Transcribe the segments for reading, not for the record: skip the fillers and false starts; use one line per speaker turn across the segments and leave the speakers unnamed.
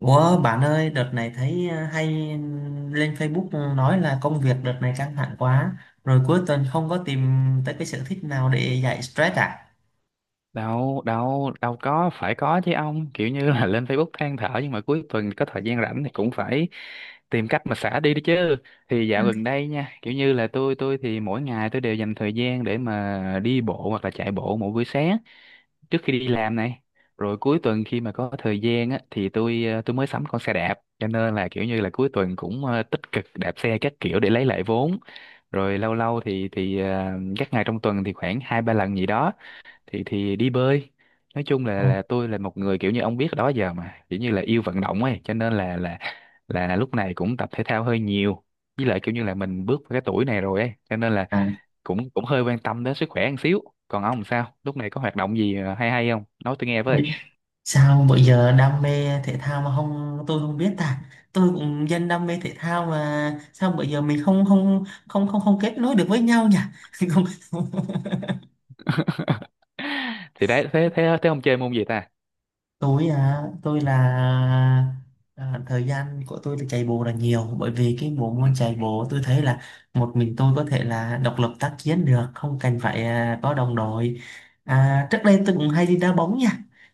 Ủa bạn ơi, đợt này thấy hay lên Facebook nói là công việc đợt này căng thẳng quá, rồi cuối tuần không có tìm tới cái sở thích nào để giải stress à?
Đâu đâu đâu có phải, có chứ ông. Kiểu như là lên Facebook than thở nhưng mà cuối tuần có thời gian rảnh thì cũng phải tìm cách mà xả đi đó chứ. Thì dạo gần đây nha, kiểu như là tôi thì mỗi ngày tôi đều dành thời gian để mà đi bộ hoặc là chạy bộ mỗi buổi sáng trước khi đi làm này. Rồi cuối tuần khi mà có thời gian á thì tôi tôi mới sắm con xe đạp, cho nên là kiểu như là cuối tuần cũng tích cực đạp xe các kiểu để lấy lại vốn. Rồi lâu lâu thì các ngày trong tuần thì khoảng hai ba lần gì đó thì đi bơi. Nói chung là
Ồ.
tôi là một người kiểu như ông biết đó, giờ mà kiểu như là yêu vận động ấy, cho nên là lúc này cũng tập thể thao hơi nhiều. Với lại kiểu như là mình bước vào cái tuổi này rồi ấy, cho nên là
À.
cũng cũng hơi quan tâm đến sức khỏe một xíu. Còn ông sao lúc này có hoạt động gì hay hay không, nói tôi nghe với?
Sao bây giờ đam mê thể thao mà không tôi không biết ta? Tôi cũng dân đam mê thể thao mà sao bây giờ mình không không không không không kết nối được với nhau nhỉ? Không.
Thì đấy, thế thế thế ông chơi môn gì ta?
Tôi là thời gian của tôi là chạy bộ là nhiều, bởi vì cái bộ
Ừ.
môn chạy bộ tôi thấy là một mình tôi có thể là độc lập tác chiến được, không cần phải có đồng đội. Trước đây tôi cũng hay đi đá bóng nha,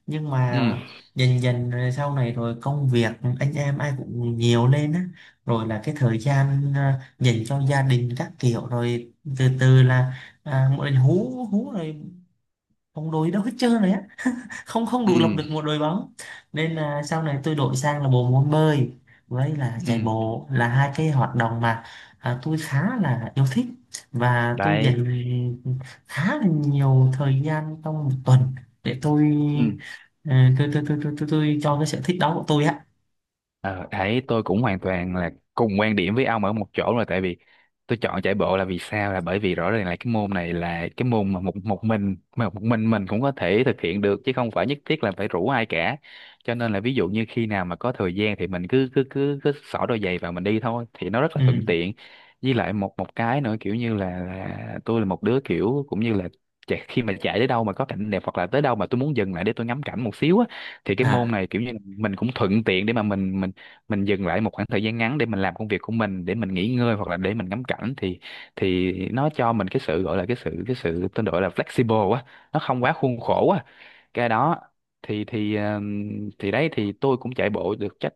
nhưng mà
Ừ.
dần dần rồi sau này rồi công việc anh em ai cũng nhiều lên á, rồi là cái thời gian dành cho gia đình các kiểu, rồi từ từ là mọi người hú hú rồi, bóng đuối đâu hết trơn rồi á, không không
Ừ.
đủ lập được một đội bóng. Nên là sau này tôi đổi sang là bộ môn bơi với là chạy
Ừ.
bộ, là hai cái hoạt động mà tôi khá là yêu thích, và tôi
Đấy.
dành khá là nhiều thời gian trong một tuần để tôi tôi cho cái sở thích đó của tôi á.
Ờ, đấy, tôi cũng hoàn toàn là cùng quan điểm với ông ở một chỗ rồi. Tại vì tôi chọn chạy bộ là vì sao, là bởi vì rõ ràng là cái môn này là cái môn mà một một mình mà một mình cũng có thể thực hiện được chứ không phải nhất thiết là phải rủ ai cả. Cho nên là ví dụ như khi nào mà có thời gian thì mình cứ cứ cứ cứ xỏ đôi giày vào mình đi thôi, thì nó rất là thuận
Ừ.
tiện. Với lại một một cái nữa, kiểu như là, tôi là một đứa kiểu cũng như là khi mà chạy tới đâu mà có cảnh đẹp hoặc là tới đâu mà tôi muốn dừng lại để tôi ngắm cảnh một xíu á, thì cái môn
à
này kiểu như là mình cũng thuận tiện để mà mình dừng lại một khoảng thời gian ngắn để mình làm công việc của mình, để mình nghỉ ngơi hoặc là để mình ngắm cảnh, thì nó cho mình cái sự gọi là cái sự tôi gọi là flexible quá, nó không quá khuôn khổ quá cái đó. Thì đấy, thì tôi cũng chạy bộ được chắc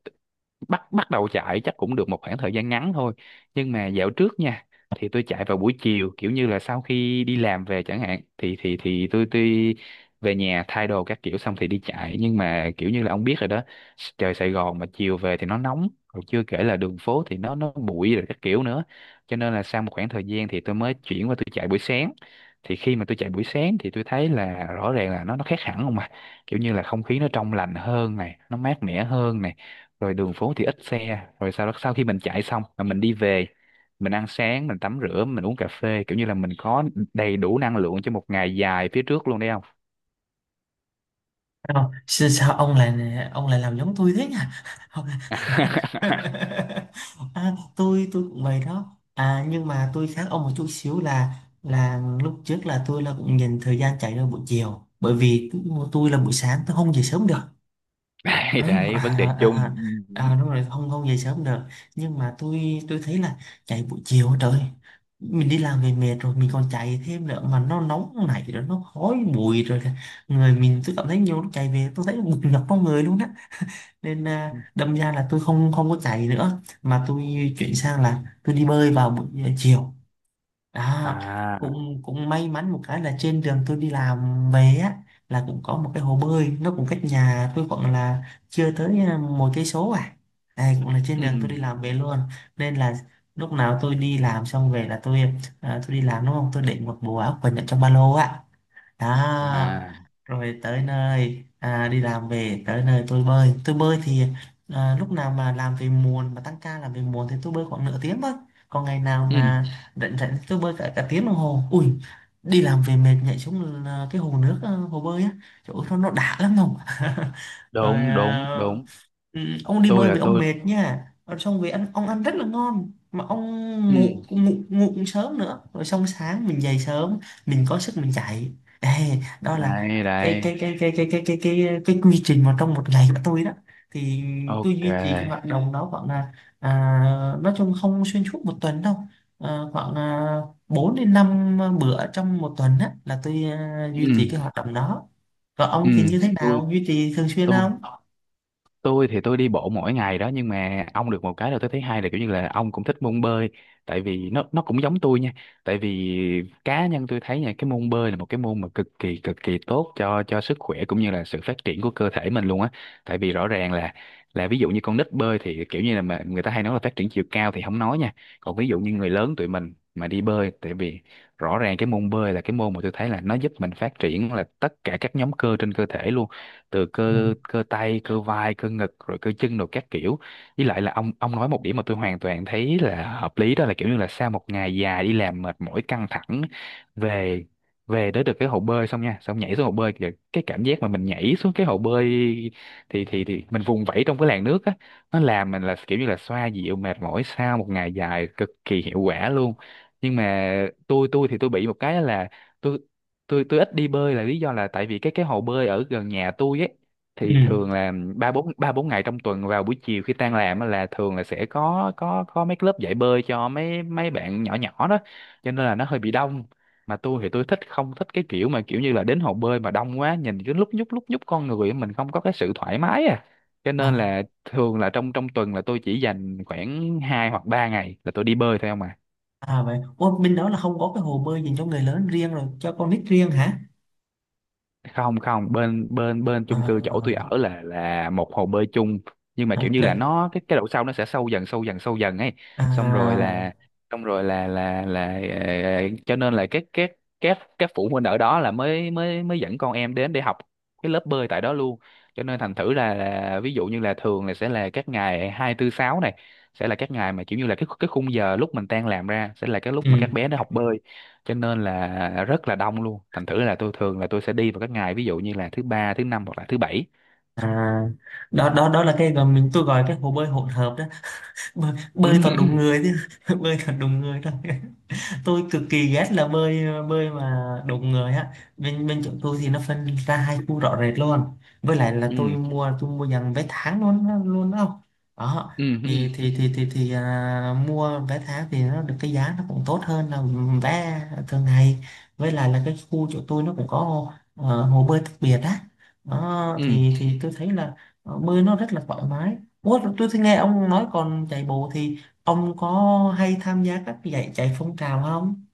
bắt bắt đầu chạy chắc cũng được một khoảng thời gian ngắn thôi. Nhưng mà dạo trước nha, thì tôi chạy vào buổi chiều kiểu như là sau khi đi làm về chẳng hạn, thì tôi về nhà thay đồ các kiểu xong thì đi chạy. Nhưng mà kiểu như là ông biết rồi đó, trời Sài Gòn mà chiều về thì nó nóng, rồi chưa kể là đường phố thì nó bụi rồi các kiểu nữa. Cho nên là sau một khoảng thời gian thì tôi mới chuyển qua tôi chạy buổi sáng. Thì khi mà tôi chạy buổi sáng thì tôi thấy là rõ ràng là nó khác hẳn không, mà kiểu như là không khí nó trong lành hơn này, nó mát mẻ hơn này, rồi đường phố thì ít xe, rồi sau đó sau khi mình chạy xong mà mình đi về, mình ăn sáng, mình tắm rửa, mình uống cà phê, kiểu như là mình có đầy đủ năng lượng cho một ngày dài phía trước luôn, đấy không?
Thấy không? Sao sao ông lại làm giống tôi thế nhỉ? Tôi cũng vậy đó, à nhưng mà tôi khác ông một chút xíu là lúc trước là tôi là cũng nhìn thời gian chạy ra buổi chiều, bởi vì tôi là buổi sáng tôi không dậy sớm được.
Đấy,
à,
đấy, vấn đề chung.
à, Đúng rồi, không không dậy sớm được, nhưng mà tôi thấy là chạy buổi chiều trời, mình đi làm về mệt rồi mình còn chạy thêm nữa, mà nó nóng này rồi nó khói bụi rồi kìa. Người mình tôi cảm thấy nhiều lúc chạy về tôi thấy bực nhọc trong người luôn đó. Nên đâm ra là tôi không không có chạy nữa, mà tôi chuyển sang là tôi đi bơi vào buổi chiều đó.
À.
Cũng cũng may mắn một cái là trên đường tôi đi làm về á, là cũng có một cái hồ bơi, nó cũng cách nhà tôi khoảng là chưa tới một cây số à. Đây cũng là trên
Ừ.
đường tôi đi làm về luôn, nên là lúc nào tôi đi làm xong về là tôi tôi đi làm đúng không, tôi để một bộ áo quần ở trong ba lô á, đó.
À.
Rồi tới nơi, đi làm về tới nơi tôi bơi, thì lúc nào mà làm về muộn, mà tăng ca làm về muộn, thì tôi bơi khoảng nửa tiếng thôi. Còn ngày nào
Ừ.
mà rảnh rảnh thì tôi bơi cả cả tiếng đồng hồ ui, đi làm về mệt nhảy xuống cái hồ nước, hồ bơi á, chỗ nó đã lắm không. Rồi
Đúng,
à.
đúng, đúng.
Ừ, ông đi
Tôi
bơi
là
với ông
tôi.
mệt nha, rồi xong về ăn, ông ăn rất là ngon, mà ông
Ừ.
ngủ ngủ ngủ cũng sớm nữa, rồi xong sáng mình dậy sớm, mình có sức mình chạy. Ê, đó là
Đây. Đấy.
cái quy trình mà trong một ngày của tôi đó. Thì tôi
Ok.
duy trì cái hoạt động đó khoảng là à, nói chung không xuyên suốt một tuần đâu, khoảng 4 đến 5 bữa trong một tuần á, là tôi
Ừ.
duy trì cái hoạt động đó. Còn
Ừ.
ông thì như thế
tôi
nào, duy trì thường xuyên
tôi
không?
tôi thì tôi đi bộ mỗi ngày đó, nhưng mà ông được một cái là tôi thấy hay là kiểu như là ông cũng thích môn bơi, tại vì nó cũng giống tôi nha. Tại vì cá nhân tôi thấy nha, cái môn bơi là một cái môn mà cực kỳ tốt cho sức khỏe cũng như là sự phát triển của cơ thể mình luôn á. Tại vì rõ ràng là ví dụ như con nít bơi thì kiểu như là mà người ta hay nói là phát triển chiều cao thì không nói nha, còn ví dụ như người lớn tụi mình mà đi bơi. Tại vì rõ ràng cái môn bơi là cái môn mà tôi thấy là nó giúp mình phát triển là tất cả các nhóm cơ trên cơ thể luôn, từ
Ừ.
cơ cơ tay, cơ vai, cơ ngực rồi cơ chân rồi các kiểu. Với lại là ông nói một điểm mà tôi hoàn toàn thấy là hợp lý, đó là kiểu như là sau một ngày dài đi làm mệt mỏi căng thẳng về, về tới được cái hồ bơi xong nha, xong nhảy xuống hồ bơi kìa, cái cảm giác mà mình nhảy xuống cái hồ bơi thì mình vùng vẫy trong cái làn nước á, nó làm mình là kiểu như là xoa dịu mệt mỏi sau một ngày dài cực kỳ hiệu quả luôn. Nhưng mà tôi thì tôi bị một cái là tôi tôi ít đi bơi, là lý do là tại vì cái hồ bơi ở gần nhà tôi ấy,
Ừ.
thì thường là ba bốn ngày trong tuần vào buổi chiều khi tan làm á là thường là sẽ có mấy lớp dạy bơi cho mấy mấy bạn nhỏ nhỏ đó. Cho nên là nó hơi bị đông, mà tôi thì tôi thích không thích cái kiểu mà kiểu như là đến hồ bơi mà đông quá nhìn cứ lúc nhúc con người, mình không có cái sự thoải mái à. Cho
À,
nên là thường là trong trong tuần là tôi chỉ dành khoảng 2 hoặc 3 ngày là tôi đi bơi thôi không à.
vậy, ủa, bên đó là không có cái hồ bơi dành cho người lớn riêng rồi, cho con nít riêng hả?
Không, không, bên bên bên
À.
chung cư chỗ tôi ở là một hồ bơi chung. Nhưng mà
à,
kiểu như là
cái-
nó cái độ sâu nó sẽ sâu dần sâu dần sâu dần ấy. xong rồi
à,
là xong rồi là ờ, cho nên là các phụ huynh ở đó là mới mới mới dẫn con em đến để học cái lớp bơi tại đó luôn. Cho nên thành thử là, ví dụ như là thường là sẽ là các ngày hai tư sáu này sẽ là các ngày mà kiểu như là cái khung giờ lúc mình tan làm ra sẽ là cái lúc mà các
ừ.
bé nó học bơi, cho nên là rất là đông luôn, thành thử là tôi thường là tôi sẽ đi vào các ngày ví dụ như là thứ ba, thứ năm hoặc là thứ bảy.
à, Đó, đó, đó là cái tôi gọi cái hồ bơi hỗn hợp đó, bơi toàn đúng người chứ? Bơi toàn đúng người thôi. Tôi cực kỳ ghét là bơi bơi mà đụng người á. Bên bên chỗ tôi thì nó phân ra hai khu rõ rệt luôn. Với lại
Ừ.
là tôi
Ừ.
mua tôi mua dàn vé tháng luôn đó. Đó,
Ừ. Ừ.
mua vé tháng thì nó được cái giá nó cũng tốt hơn là vé thường ngày. Với lại là cái khu chỗ tôi nó cũng có hồ, hồ bơi đặc biệt á. Đó,
Ừ.
thì tôi thấy là bơi nó rất là thoải mái. Ủa, tôi thấy nghe ông nói, còn chạy bộ thì ông có hay tham gia các giải chạy phong trào không?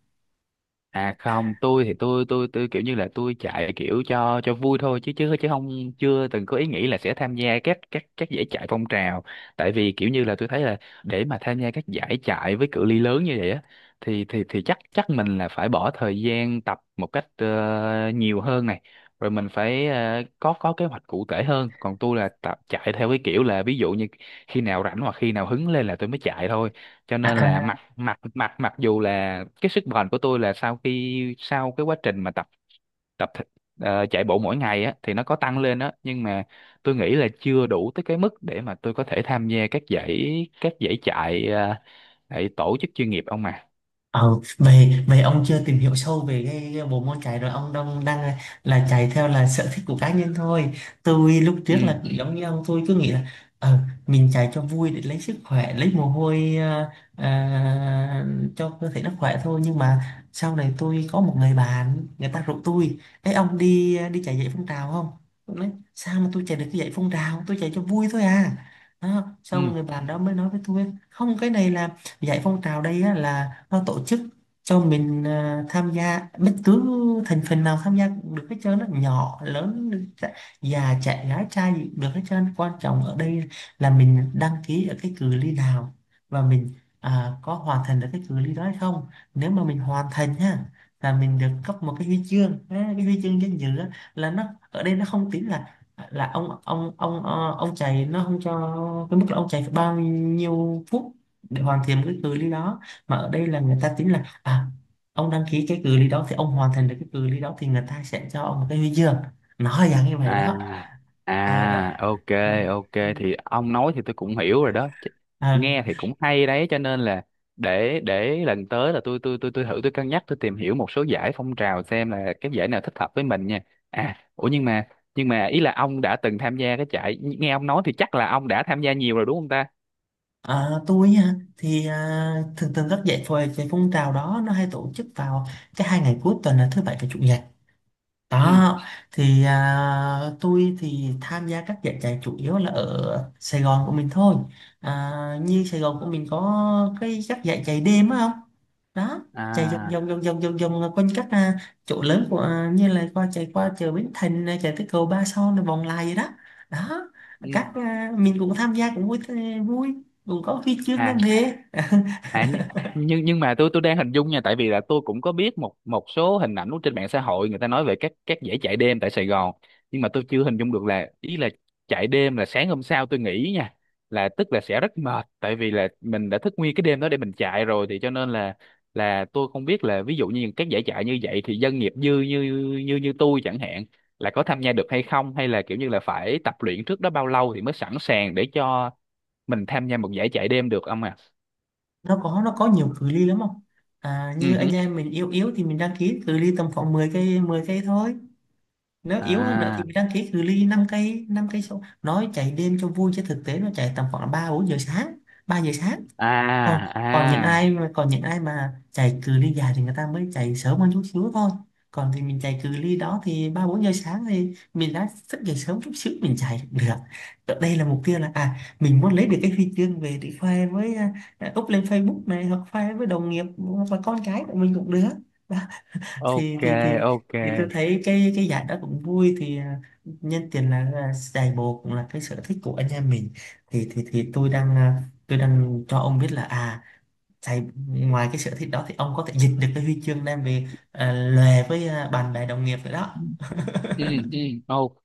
À không, tôi thì tôi kiểu như là tôi chạy kiểu cho vui thôi, chứ chứ chứ không, chưa từng có ý nghĩ là sẽ tham gia các giải chạy phong trào. Tại vì kiểu như là tôi thấy là để mà tham gia các giải chạy với cự ly lớn như vậy á, thì chắc chắc mình là phải bỏ thời gian tập một cách nhiều hơn này. Rồi mình phải có kế hoạch cụ thể hơn. Còn tôi là tập chạy theo cái kiểu là ví dụ như khi nào rảnh hoặc khi nào hứng lên là tôi mới chạy thôi, cho
À.
nên là
À.
mặc mặc mặc mặc dù là cái sức bền của tôi là sau khi sau cái quá trình mà tập tập thể- chạy bộ mỗi ngày á thì nó có tăng lên á, nhưng mà tôi nghĩ là chưa đủ tới cái mức để mà tôi có thể tham gia các giải chạy chạy tổ chức chuyên nghiệp ông mà.
Ờ, vậy vậy ông chưa tìm hiểu sâu về cái bộ môn chạy rồi, ông đang đang là chạy theo là sở thích của cá nhân thôi. Tôi lúc
Ừ.
trước là cũng giống như ông, tôi cứ nghĩ là ờ, mình chạy cho vui để lấy sức khỏe, lấy mồ hôi, à, cho cơ thể nó khỏe thôi. Nhưng mà sau này tôi có một người bạn, người ta rủ tôi: "Ấy ông, đi đi chạy dậy phong trào không?" Tôi nói: "Sao mà tôi chạy được cái dậy phong trào, tôi chạy cho vui thôi à." Đó, xong
Ừ.
người bạn đó mới nói với tôi: "Không, cái này là dạy phong trào đây á, là nó tổ chức cho mình tham gia, bất cứ thành phần nào tham gia cũng được hết trơn á, nhỏ lớn, già trẻ gái trai gì cũng được hết trơn. Quan trọng ở đây là mình đăng ký ở cái cự ly nào, và mình có hoàn thành được cái cự ly đó hay không. Nếu mà mình hoàn thành ha, là mình được cấp một cái huy chương á, cái huy chương danh dự á, là nó ở đây nó không tính là ông chạy, nó không cho cái mức là ông chạy phải bao nhiêu phút để hoàn thiện cái cự ly đó, mà ở đây là người ta tính là ông đăng ký cái cự ly đó, thì ông hoàn thành được cái cự ly đó, thì người ta sẽ cho ông một cái huy chương." Nói dạng như vậy
À.
đó. Đó.
À. Ok.
Ừ.
Ok. Thì ông nói thì tôi cũng hiểu rồi đó.
À,
Nghe thì cũng hay đấy, cho nên là để lần tới là tôi thử, tôi cân nhắc, tôi tìm hiểu một số giải phong trào xem là cái giải nào thích hợp với mình nha. À ủa, nhưng mà ý là ông đã từng tham gia cái chạy, nghe ông nói thì chắc là ông đã tham gia nhiều rồi đúng không ta?
tôi á, thì thường thường các giải phôi cái phong trào đó nó hay tổ chức vào cái hai ngày cuối tuần, là thứ bảy và chủ nhật.
Ừ.
Đó, thì tôi thì tham gia các giải chạy chủ yếu là ở Sài Gòn của mình thôi. À, như Sài Gòn của mình có cái các giải chạy đêm á không? Đó, chạy
À.
vòng vòng vòng vòng vòng vòng quanh các chỗ lớn của, như là qua chạy qua chợ Bến Thành này, chạy tới cầu Ba Son rồi vòng lại vậy đó. Đó, các
Ừ.
mình cũng tham gia cũng vui vui, cũng có huy chương đem
À.
về.
À, nhưng mà tôi đang hình dung nha, tại vì là tôi cũng có biết một một số hình ảnh trên mạng xã hội người ta nói về các dãy chạy đêm tại Sài Gòn. Nhưng mà tôi chưa hình dung được là ý là chạy đêm là sáng hôm sau tôi nghĩ nha, là tức là sẽ rất mệt tại vì là mình đã thức nguyên cái đêm đó để mình chạy rồi, thì cho nên là tôi không biết là ví dụ như các giải chạy như vậy thì dân nghiệp dư như như như tôi chẳng hạn là có tham gia được hay không, hay là kiểu như là phải tập luyện trước đó bao lâu thì mới sẵn sàng để cho mình tham gia một giải chạy đêm được ông à?
Nó có, nó có nhiều cự ly lắm không? À,
Ừ.
như anh em mình yếu yếu thì mình đăng ký cự ly tầm khoảng 10 cây, 10 cây thôi. Nếu yếu hơn nữa thì
À.
mình đăng ký cự ly 5 cây, 5 cây số. Nói chạy đêm cho vui chứ thực tế nó chạy tầm khoảng 3 4 giờ sáng, 3 giờ sáng. Còn
À.
còn những
À.
ai mà Còn những ai mà chạy cự ly dài thì người ta mới chạy sớm hơn chút xíu thôi. Còn thì mình chạy cự ly đó thì 3 4 giờ sáng, thì mình đã thức dậy sớm chút xíu mình chạy được. Ở đây là mục tiêu là mình muốn lấy được cái huy chương về để khoe với, up lên Facebook này, hoặc khoe với đồng nghiệp, hoặc là con cái của mình cũng được. Thì
Ok. Ok.
tôi thấy cái giải đó cũng vui, thì nhân tiện là giải bồ cũng là cái sở thích của anh em mình, thì tôi đang tôi đang cho ông biết là giải, ngoài cái sở thích đó thì ông có thể giành được cái huy chương đem về lề với bạn bè đồng nghiệp nữa đó.
Ừ. Ừ. Ok.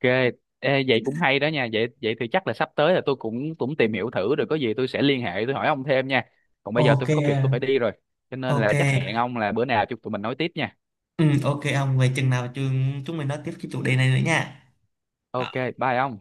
Ê, vậy cũng hay đó nha, vậy vậy thì chắc là sắp tới là tôi cũng cũng tìm hiểu thử rồi có gì tôi sẽ liên hệ tôi hỏi ông thêm nha. Còn bây giờ
Ok.
tôi có việc tôi phải đi rồi, cho nên
Ok.
là chắc hẹn ông là bữa nào chúng tụi mình nói tiếp nha.
Ừ, ok, ông về chừng nào chúng chúng mình nói tiếp cái chủ đề này nữa nha.
Ok. Bye ông.